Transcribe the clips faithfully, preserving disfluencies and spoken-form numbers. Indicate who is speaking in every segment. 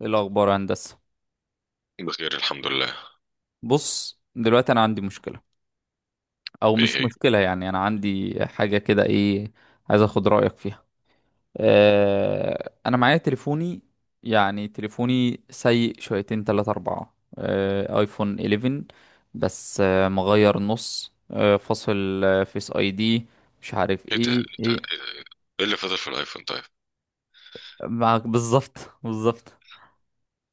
Speaker 1: ايه الاخبار يا هندسه؟
Speaker 2: بخير، الحمد لله.
Speaker 1: بص، دلوقتي انا عندي مشكله. او
Speaker 2: ايه
Speaker 1: مش
Speaker 2: هي؟
Speaker 1: مشكله، يعني انا عندي حاجه كده، ايه، عايز اخد رايك فيها. آه انا معايا تليفوني. يعني تليفوني سيء شويتين تلاتة اربعة، آه ايفون إحداشر. بس آه مغير نص آه فاصل آه، فيس اي دي. مش عارف
Speaker 2: ايه ده؟ ايه
Speaker 1: ايه
Speaker 2: ده؟
Speaker 1: ايه.
Speaker 2: ايه ده؟ إيه ده؟ إيه اللي فاضل في الايفون طيب؟
Speaker 1: معاك بالظبط بالظبط.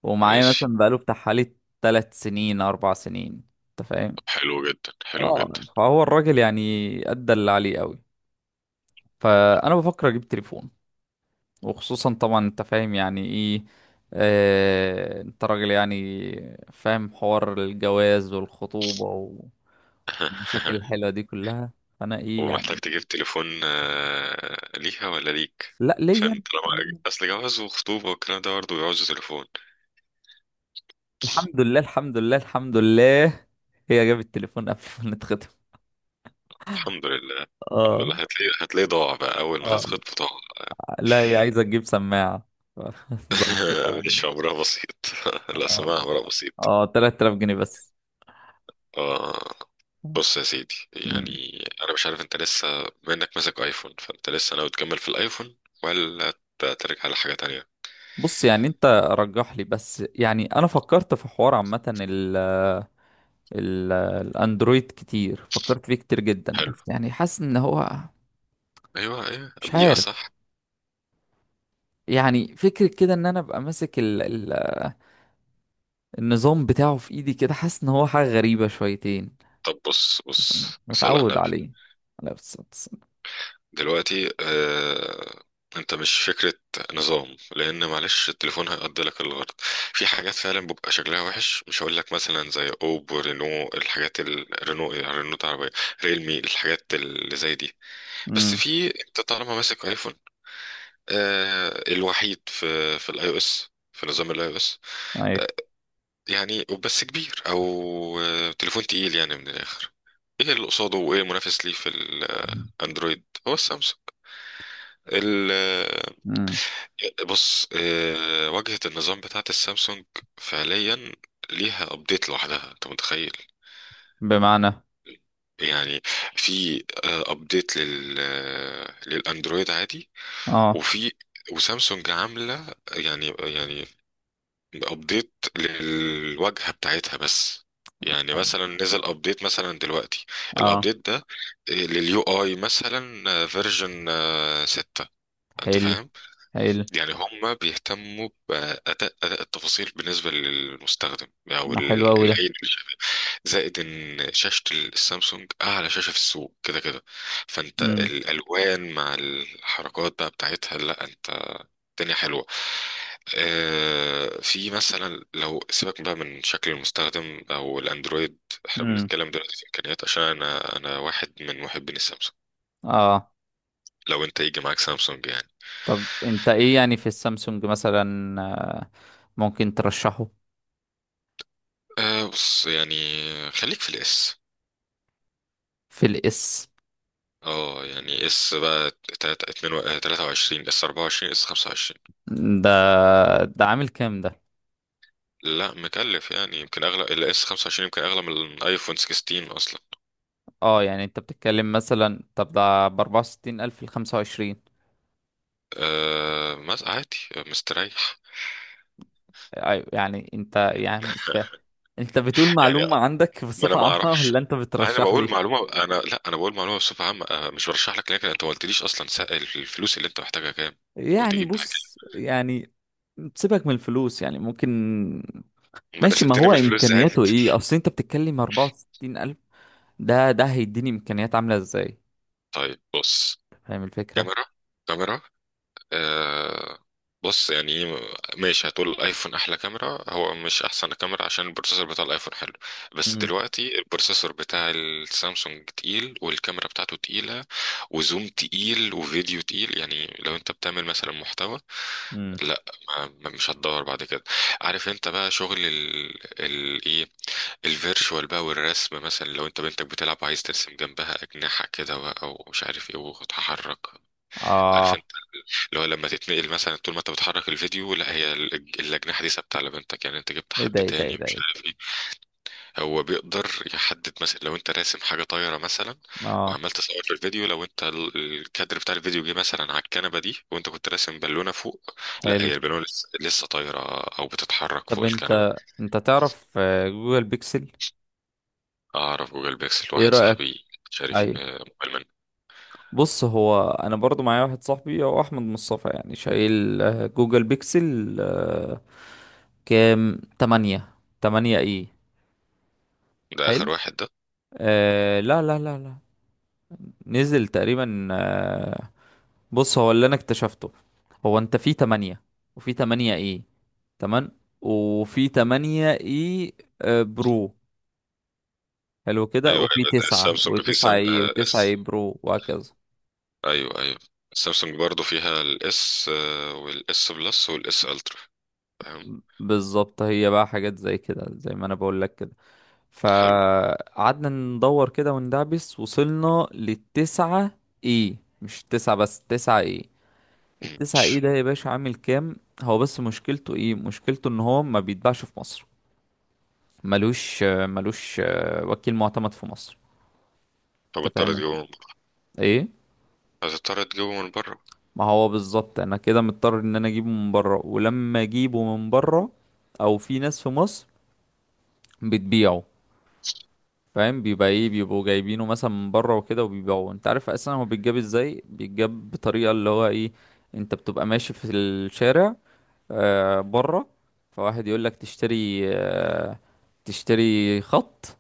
Speaker 1: ومعايا
Speaker 2: ماشي.
Speaker 1: مثلا بقاله بتاع حوالي تلات سنين اربع سنين. انت فاهم.
Speaker 2: طب حلو جدا، حلو
Speaker 1: اه،
Speaker 2: جدا.
Speaker 1: فهو الراجل يعني ادى اللي عليه قوي. فانا بفكر اجيب تليفون. وخصوصا طبعا، انت فاهم يعني ايه. آه انت راجل يعني فاهم حوار الجواز والخطوبة والمشاكل الحلوة دي كلها. فانا ايه
Speaker 2: ومحتاج
Speaker 1: يعني.
Speaker 2: تجيب تليفون، آه، ليها ولا ليك؟
Speaker 1: لا،
Speaker 2: عشان
Speaker 1: ليا.
Speaker 2: طالما
Speaker 1: ليا.
Speaker 2: اصل جواز وخطوبة والكلام ده برضه بيعوز تليفون.
Speaker 1: الحمد لله، الحمد لله، الحمد لله. هي جابت التليفون قبل ما نتخطب.
Speaker 2: الحمد لله، الحمد
Speaker 1: اه.
Speaker 2: لله. هتلاقي، هتلاقي ضاع بقى اول ما
Speaker 1: اه.
Speaker 2: تتخطب، ضاع.
Speaker 1: لا، هي عايزة تجيب سماعة. ظهرت كده.
Speaker 2: مش امرها بسيط. لا
Speaker 1: اه.
Speaker 2: سماها امرها بسيط.
Speaker 1: اه، تلات آلاف جنيه بس.
Speaker 2: اه. بص يا سيدي،
Speaker 1: مم.
Speaker 2: يعني انا مش عارف انت لسه، بما انك ماسك ايفون، فانت لسه ناوي تكمل في الايفون ولا ت- ترجع لحاجه تانية؟
Speaker 1: بص، يعني انت رجح لي. بس يعني انا فكرت في حوار عامة ال ال الاندرويد كتير. فكرت فيه كتير جدا،
Speaker 2: حلو.
Speaker 1: بس يعني حاسس ان هو
Speaker 2: ايوه ايوه،
Speaker 1: مش
Speaker 2: بيئه
Speaker 1: عارف.
Speaker 2: صح.
Speaker 1: يعني فكرة كده ان انا ابقى ماسك ال ال النظام بتاعه في ايدي كده، حاسس ان هو حاجة غريبة شويتين.
Speaker 2: طب بص بص، صلى على
Speaker 1: متعود
Speaker 2: النبي.
Speaker 1: عليه. لا، بس بس.
Speaker 2: دلوقتي آه... انت مش فكره نظام، لان معلش التليفون هيقضي لك الغرض. في حاجات فعلا بيبقى شكلها وحش، مش هقول لك مثلا زي اوبو رينو، الحاجات الرينو رينو العربيه، ريلمي، الحاجات اللي زي دي. بس
Speaker 1: امم.
Speaker 2: في، انت طالما ماسك ايفون، آه، الوحيد في في الاي او اس، في نظام الاي او اس.
Speaker 1: ايوه.
Speaker 2: يعني بس كبير، او آه، تليفون تقيل يعني من الاخر. ايه اللي قصاده وايه المنافس ليه في الاندرويد؟ هو السامسونج. ال- آه،
Speaker 1: امم.
Speaker 2: بص، آه، واجهة النظام بتاعت السامسونج فعليا ليها ابديت لوحدها، انت متخيل؟
Speaker 1: بمعنى.
Speaker 2: يعني في ابديت لل آه، للاندرويد عادي،
Speaker 1: اه.
Speaker 2: وفي، وسامسونج عامله يعني يعني بابديت للواجهه بتاعتها بس. يعني مثلا نزل ابديت مثلا دلوقتي،
Speaker 1: اه.
Speaker 2: الابديت ده لليو اي مثلا فيرجن ستة. انت
Speaker 1: حلو.
Speaker 2: فاهم؟
Speaker 1: حلو.
Speaker 2: يعني هم بيهتموا باداء، اداء التفاصيل بالنسبه للمستخدم او
Speaker 1: ما حلو
Speaker 2: ال-
Speaker 1: قوي ده.
Speaker 2: العين اللي شايفها. زائد ان شاشه السامسونج اعلى شاشه في السوق كده كده، فانت
Speaker 1: امم.
Speaker 2: الالوان مع الحركات بقى بتاعتها، لا انت الدنيا حلوة. آه، في مثلا، لو سيبك بقى من شكل المستخدم او الاندرويد، احنا
Speaker 1: امم.
Speaker 2: بنتكلم دلوقتي في امكانيات، عشان انا، انا واحد من محبين السامسونج.
Speaker 1: اه.
Speaker 2: لو انت يجي معاك سامسونج يعني.
Speaker 1: طب انت ايه يعني في السامسونج مثلا، آه، ممكن ترشحه.
Speaker 2: أه بص يعني، خليك في الاس.
Speaker 1: في الاس.
Speaker 2: اه يعني اس بقى تلاتة اتنين و- آه، تلاتة وعشرين، اس اربعة وعشرين، اس خمسة وعشرين.
Speaker 1: ده ده عامل كام ده؟
Speaker 2: لا مكلف يعني، يمكن اغلى الاس خمسة وعشرين يمكن اغلى من الايفون ستة عشر اصلا.
Speaker 1: اه يعني انت بتتكلم مثلا، طب ده ب أربعة وستين الف ل خمسة وعشرين؟
Speaker 2: أه ما عادي، مستريح.
Speaker 1: ايوه، يعني انت يعني مش فاهم. انت بتقول
Speaker 2: يعني
Speaker 1: معلومة عندك
Speaker 2: ما انا
Speaker 1: بصفة
Speaker 2: ما
Speaker 1: عامة
Speaker 2: اعرفش،
Speaker 1: ولا انت
Speaker 2: انا
Speaker 1: بترشح
Speaker 2: بقول
Speaker 1: لي؟
Speaker 2: معلومه، انا لا، انا بقول معلومه بصفه عامه، أنا مش برشح لك، لكن انت ما قلتليش اصلا سا- الفلوس اللي انت محتاجها كام
Speaker 1: يعني
Speaker 2: وتجيب حاجه؟
Speaker 1: بص، يعني سيبك من الفلوس، يعني ممكن.
Speaker 2: ما انا
Speaker 1: ماشي، ما
Speaker 2: سبتني
Speaker 1: هو
Speaker 2: من الفلوس
Speaker 1: امكانياته
Speaker 2: زعلت.
Speaker 1: ايه؟ اصل انت بتتكلم أربعة وستين الف. ده ده هيديني امكانيات عاملة ازاي؟
Speaker 2: طيب بص،
Speaker 1: فاهم الفكرة.
Speaker 2: كاميرا، كاميرا، آه. بص يعني، إيه، ماشي، هتقول الايفون احلى كاميرا، هو مش احسن كاميرا عشان البروسيسور بتاع الايفون حلو. بس دلوقتي البروسيسور بتاع السامسونج تقيل، والكاميرا بتاعته تقيله، وزوم تقيل، وفيديو تقيل. يعني لو انت بتعمل مثلا محتوى،
Speaker 1: امم.
Speaker 2: لا ما ما- مش هتدور بعد كده. عارف انت بقى شغل ال ال ايه، الفيرشوال بقى والرسم، مثلا لو انت بنتك بتلعب عايز ترسم جنبها اجنحه كده بقى ومش عارف ايه وتتحرك، عارف
Speaker 1: اه.
Speaker 2: انت، اللي هو لما تتنقل مثلا، طول ما انت بتحرك الفيديو لا هي ال- الاجنحه دي ثابته على بنتك، يعني انت جبت
Speaker 1: ايه ده؟
Speaker 2: حد
Speaker 1: ايه ده؟ ايه
Speaker 2: تاني
Speaker 1: ده؟
Speaker 2: مش
Speaker 1: إيه
Speaker 2: عارف. هو بيقدر يحدد مثلا لو انت راسم حاجه طايره مثلا،
Speaker 1: ده؟ اه.
Speaker 2: وعمال تصور في الفيديو، لو انت ال- الكادر بتاع الفيديو جه مثلا على الكنبه دي، وانت كنت راسم بالونه فوق، لا
Speaker 1: حلو.
Speaker 2: هي البالونه لسه, لسه طايره، او بتتحرك
Speaker 1: طب
Speaker 2: فوق الكنبه.
Speaker 1: انت انت تعرف آه، جوجل بيكسل؟
Speaker 2: اعرف جوجل بيكسل،
Speaker 1: ايه
Speaker 2: واحد
Speaker 1: رأيك؟
Speaker 2: صاحبي شاري
Speaker 1: ايوه.
Speaker 2: آه، موبايل منه.
Speaker 1: بص، هو انا برضو معايا واحد صاحبي هو احمد مصطفى، يعني شايل آه، جوجل بيكسل آه، كام، تمانية. تمانية ايه؟
Speaker 2: ده
Speaker 1: حلو.
Speaker 2: اخر واحد ده؟
Speaker 1: آه لا لا لا لا. نزل تقريبا آه بص، هو اللي انا اكتشفته، هو انت في تمانية وفي تمانية ايه. تمام، وفي تمانية ايه؟ آه برو. حلو كده.
Speaker 2: ايوه
Speaker 1: وفي
Speaker 2: ايوه، ده
Speaker 1: تسعة
Speaker 2: السامسونج في
Speaker 1: وتسعة
Speaker 2: سام،
Speaker 1: اي
Speaker 2: آه،
Speaker 1: وتسعة اي
Speaker 2: اس.
Speaker 1: برو وهكذا.
Speaker 2: ايوه ايوه، السامسونج برضو فيها الاس، والاس بلس، والاس الترا. فاهم؟
Speaker 1: بالظبط، هي بقى حاجات زي كده، زي ما انا بقول لك كده.
Speaker 2: حلو.
Speaker 1: فقعدنا ندور كده وندعبس، وصلنا للتسعة اي. مش تسعة بس، تسعة اي. التسعة اي
Speaker 2: ماشي،
Speaker 1: ده يا باشا عامل كام؟ هو بس مشكلته ايه؟ مشكلته ان هو ما بيتباعش في مصر. ملوش ملوش وكيل معتمد في مصر.
Speaker 2: طب
Speaker 1: انت
Speaker 2: اضطر
Speaker 1: فاهم.
Speaker 2: تجيبه من بره.
Speaker 1: ايه.
Speaker 2: هتضطر تجيبه من بره.
Speaker 1: ما هو بالظبط، انا كده مضطر ان انا اجيبه من بره. ولما اجيبه من بره، او في ناس في مصر بتبيعه، فاهم؟ بيبقى ايه، بيبقوا جايبينه مثلا من بره وكده وبيبيعوه. انت عارف اصلا هو بيتجاب ازاي؟ بيتجاب بطريقه، اللي هو ايه، انت بتبقى ماشي في الشارع، آه بره، فواحد يقول لك تشتري آه تشتري خط.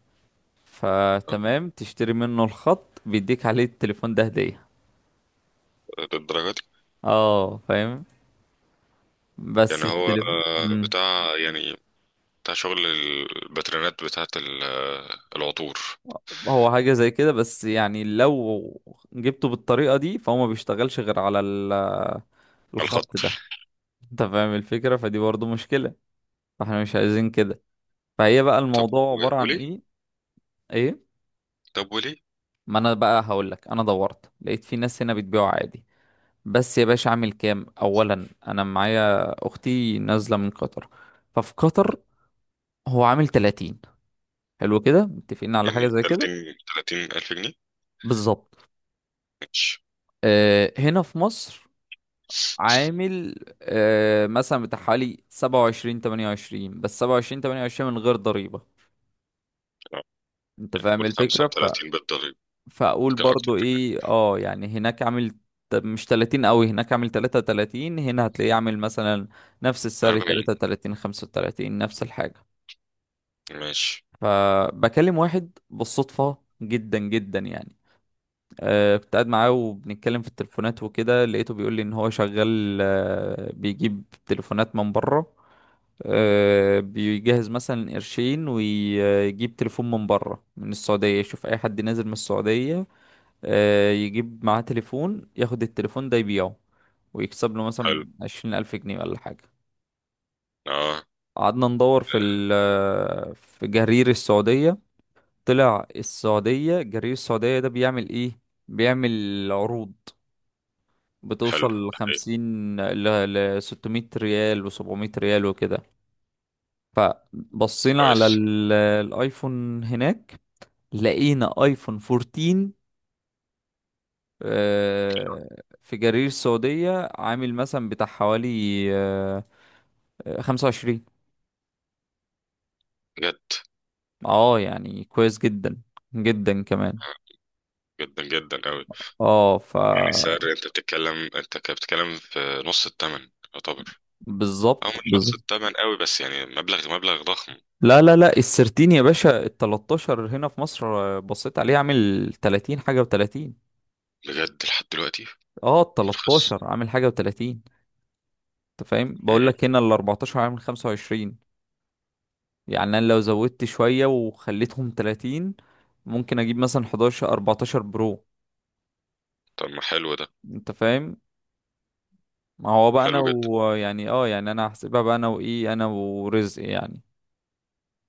Speaker 1: فتمام، تشتري منه الخط، بيديك عليه التليفون ده هدية.
Speaker 2: للدرجة دي؟
Speaker 1: اه، فاهم. بس
Speaker 2: يعني هو
Speaker 1: التليفون،
Speaker 2: آه، بتاع يعني، بتاع شغل الباترينات بتاعة ال- آه، العطور.
Speaker 1: هو حاجة زي كده. بس يعني لو جبته بالطريقة دي، فهو ما بيشتغلش غير على ال-
Speaker 2: على
Speaker 1: الخط
Speaker 2: الخط.
Speaker 1: ده. انت فاهم الفكرة، فدي برضو مشكلة. فاحنا مش عايزين كده. فهي بقى
Speaker 2: طب
Speaker 1: الموضوع عبارة
Speaker 2: و-
Speaker 1: عن
Speaker 2: وليه؟
Speaker 1: ايه. ايه.
Speaker 2: طب وليه؟
Speaker 1: ما انا بقى هقولك، انا دورت لقيت في ناس هنا بتبيعه عادي. بس يا باشا اعمل كام؟ اولا انا معايا اختي نازلة من قطر. ففي قطر هو عامل تلاتين. حلو كده، متفقين على حاجة
Speaker 2: يعني
Speaker 1: زي كده.
Speaker 2: تلاتين، تلاتين ألف جنيه؟
Speaker 1: بالظبط.
Speaker 2: ماشي.
Speaker 1: آه، هنا في مصر عامل آه مثلا بتاع حوالي سبعة وعشرين ثمانية وعشرين. بس سبعة وعشرين ثمانية وعشرين من غير ضريبة.
Speaker 2: آه،
Speaker 1: انت فاهم
Speaker 2: قول
Speaker 1: الفكرة ف...
Speaker 2: خمسة وتلاتين بالضريبة،
Speaker 1: فاقول
Speaker 2: يمكن أكتر،
Speaker 1: برضو ايه، اه يعني هناك عامل ت- مش تلاتين قوي. هناك عامل تلاتة وتلاتين. هنا هتلاقيه عامل مثلا نفس السعر
Speaker 2: اربعين.
Speaker 1: ثلاثة وثلاثين خمسة وثلاثين، نفس الحاجة.
Speaker 2: ماشي،
Speaker 1: فبكلم واحد بالصدفة، جدا جدا يعني. آه، كنت قاعد معاه وبنتكلم في التليفونات وكده، لقيته بيقول لي ان هو شغال آه، بيجيب تليفونات من بره. آه، بيجهز مثلا قرشين ويجيب تليفون من بره من السعودية. يشوف اي حد نازل من السعودية، آه، يجيب معاه تليفون، ياخد التليفون ده يبيعه، ويكسب له مثلا
Speaker 2: حلو.
Speaker 1: عشرين ألف جنيه ولا حاجة.
Speaker 2: اه
Speaker 1: قعدنا ندور في ال آه، في جرير السعودية. طلع السعودية جرير السعودية ده بيعمل ايه؟ بيعمل عروض
Speaker 2: حلو.
Speaker 1: بتوصل
Speaker 2: طيب،
Speaker 1: لخمسين، ل لستمية ريال وسبعمية ريال وكده. فبصينا على
Speaker 2: كويس.
Speaker 1: ال- الايفون هناك. لقينا ايفون اربعتاشر آه، في جرير السعودية عامل مثلا بتاع حوالي آه، آه، خمسة وعشرين.
Speaker 2: بجد؟
Speaker 1: اه يعني كويس جدا. جدا كمان.
Speaker 2: آه، جدا جدا أوي.
Speaker 1: اه ف
Speaker 2: يعني السعر أنت بتتكلم، أنت كده بتتكلم في نص الثمن يعتبر، أو
Speaker 1: بالظبط
Speaker 2: مش نص
Speaker 1: بالظبط.
Speaker 2: الثمن أوي بس يعني مبلغ، مبلغ ضخم.
Speaker 1: لا لا لا، السرتين يا باشا. ال تلتاشر هنا في مصر آه، بصيت عليه عامل تلاتين حاجة و30.
Speaker 2: بجد لحد دلوقتي
Speaker 1: اه، ال
Speaker 2: مرخص؟
Speaker 1: تلتاشر عامل حاجة و30. انت فاهم؟ بقول
Speaker 2: مم.
Speaker 1: لك هنا ال اربعتاشر عامل خمسة وعشرين. يعني انا لو زودت شوية وخليتهم تلاتين، ممكن اجيب مثلا حداشر اربعتاشر برو.
Speaker 2: طب ما حلو ده.
Speaker 1: انت فاهم. ما هو بقى انا،
Speaker 2: حلو جدا.
Speaker 1: ويعني اه يعني انا هحسبها بقى انا وايه، انا ورزق يعني.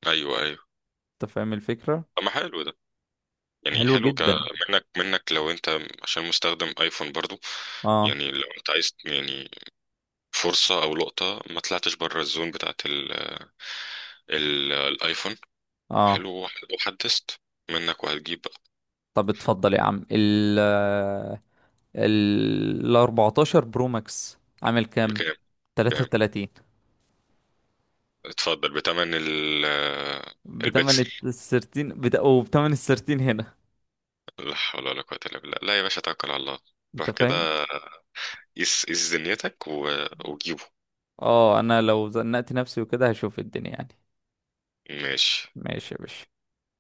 Speaker 2: ايوه ايوه.
Speaker 1: انت فاهم الفكرة.
Speaker 2: طب ما حلو ده. يعني
Speaker 1: حلو
Speaker 2: حلو ك،
Speaker 1: جدا.
Speaker 2: منك، منك لو انت، عشان مستخدم ايفون برضو،
Speaker 1: اه.
Speaker 2: يعني لو انت عايز يعني فرصة او لقطة، ما طلعتش بره الزون بتاعت ال... ال... الايفون.
Speaker 1: اه.
Speaker 2: حلو. وحدثت منك. وهتجيب بقى.
Speaker 1: طب اتفضل يا عم ال ال اربعتاشر برو ماكس عامل كام؟
Speaker 2: بكام؟ كام؟
Speaker 1: تلاتة وتلاتين.
Speaker 2: اتفضل بتمن ال...
Speaker 1: بتمن
Speaker 2: البكسل.
Speaker 1: السرتين بت... وبتمن السرتين هنا.
Speaker 2: لا حول ولا قوة الا بالله. لا يا باشا، توكل على الله.
Speaker 1: انت
Speaker 2: روح
Speaker 1: فاهم.
Speaker 2: كده، قيس قيس دنيتك و... وجيبه.
Speaker 1: اه، انا لو زنقت نفسي وكده هشوف الدنيا يعني.
Speaker 2: ماشي.
Speaker 1: ماشي يا باشا.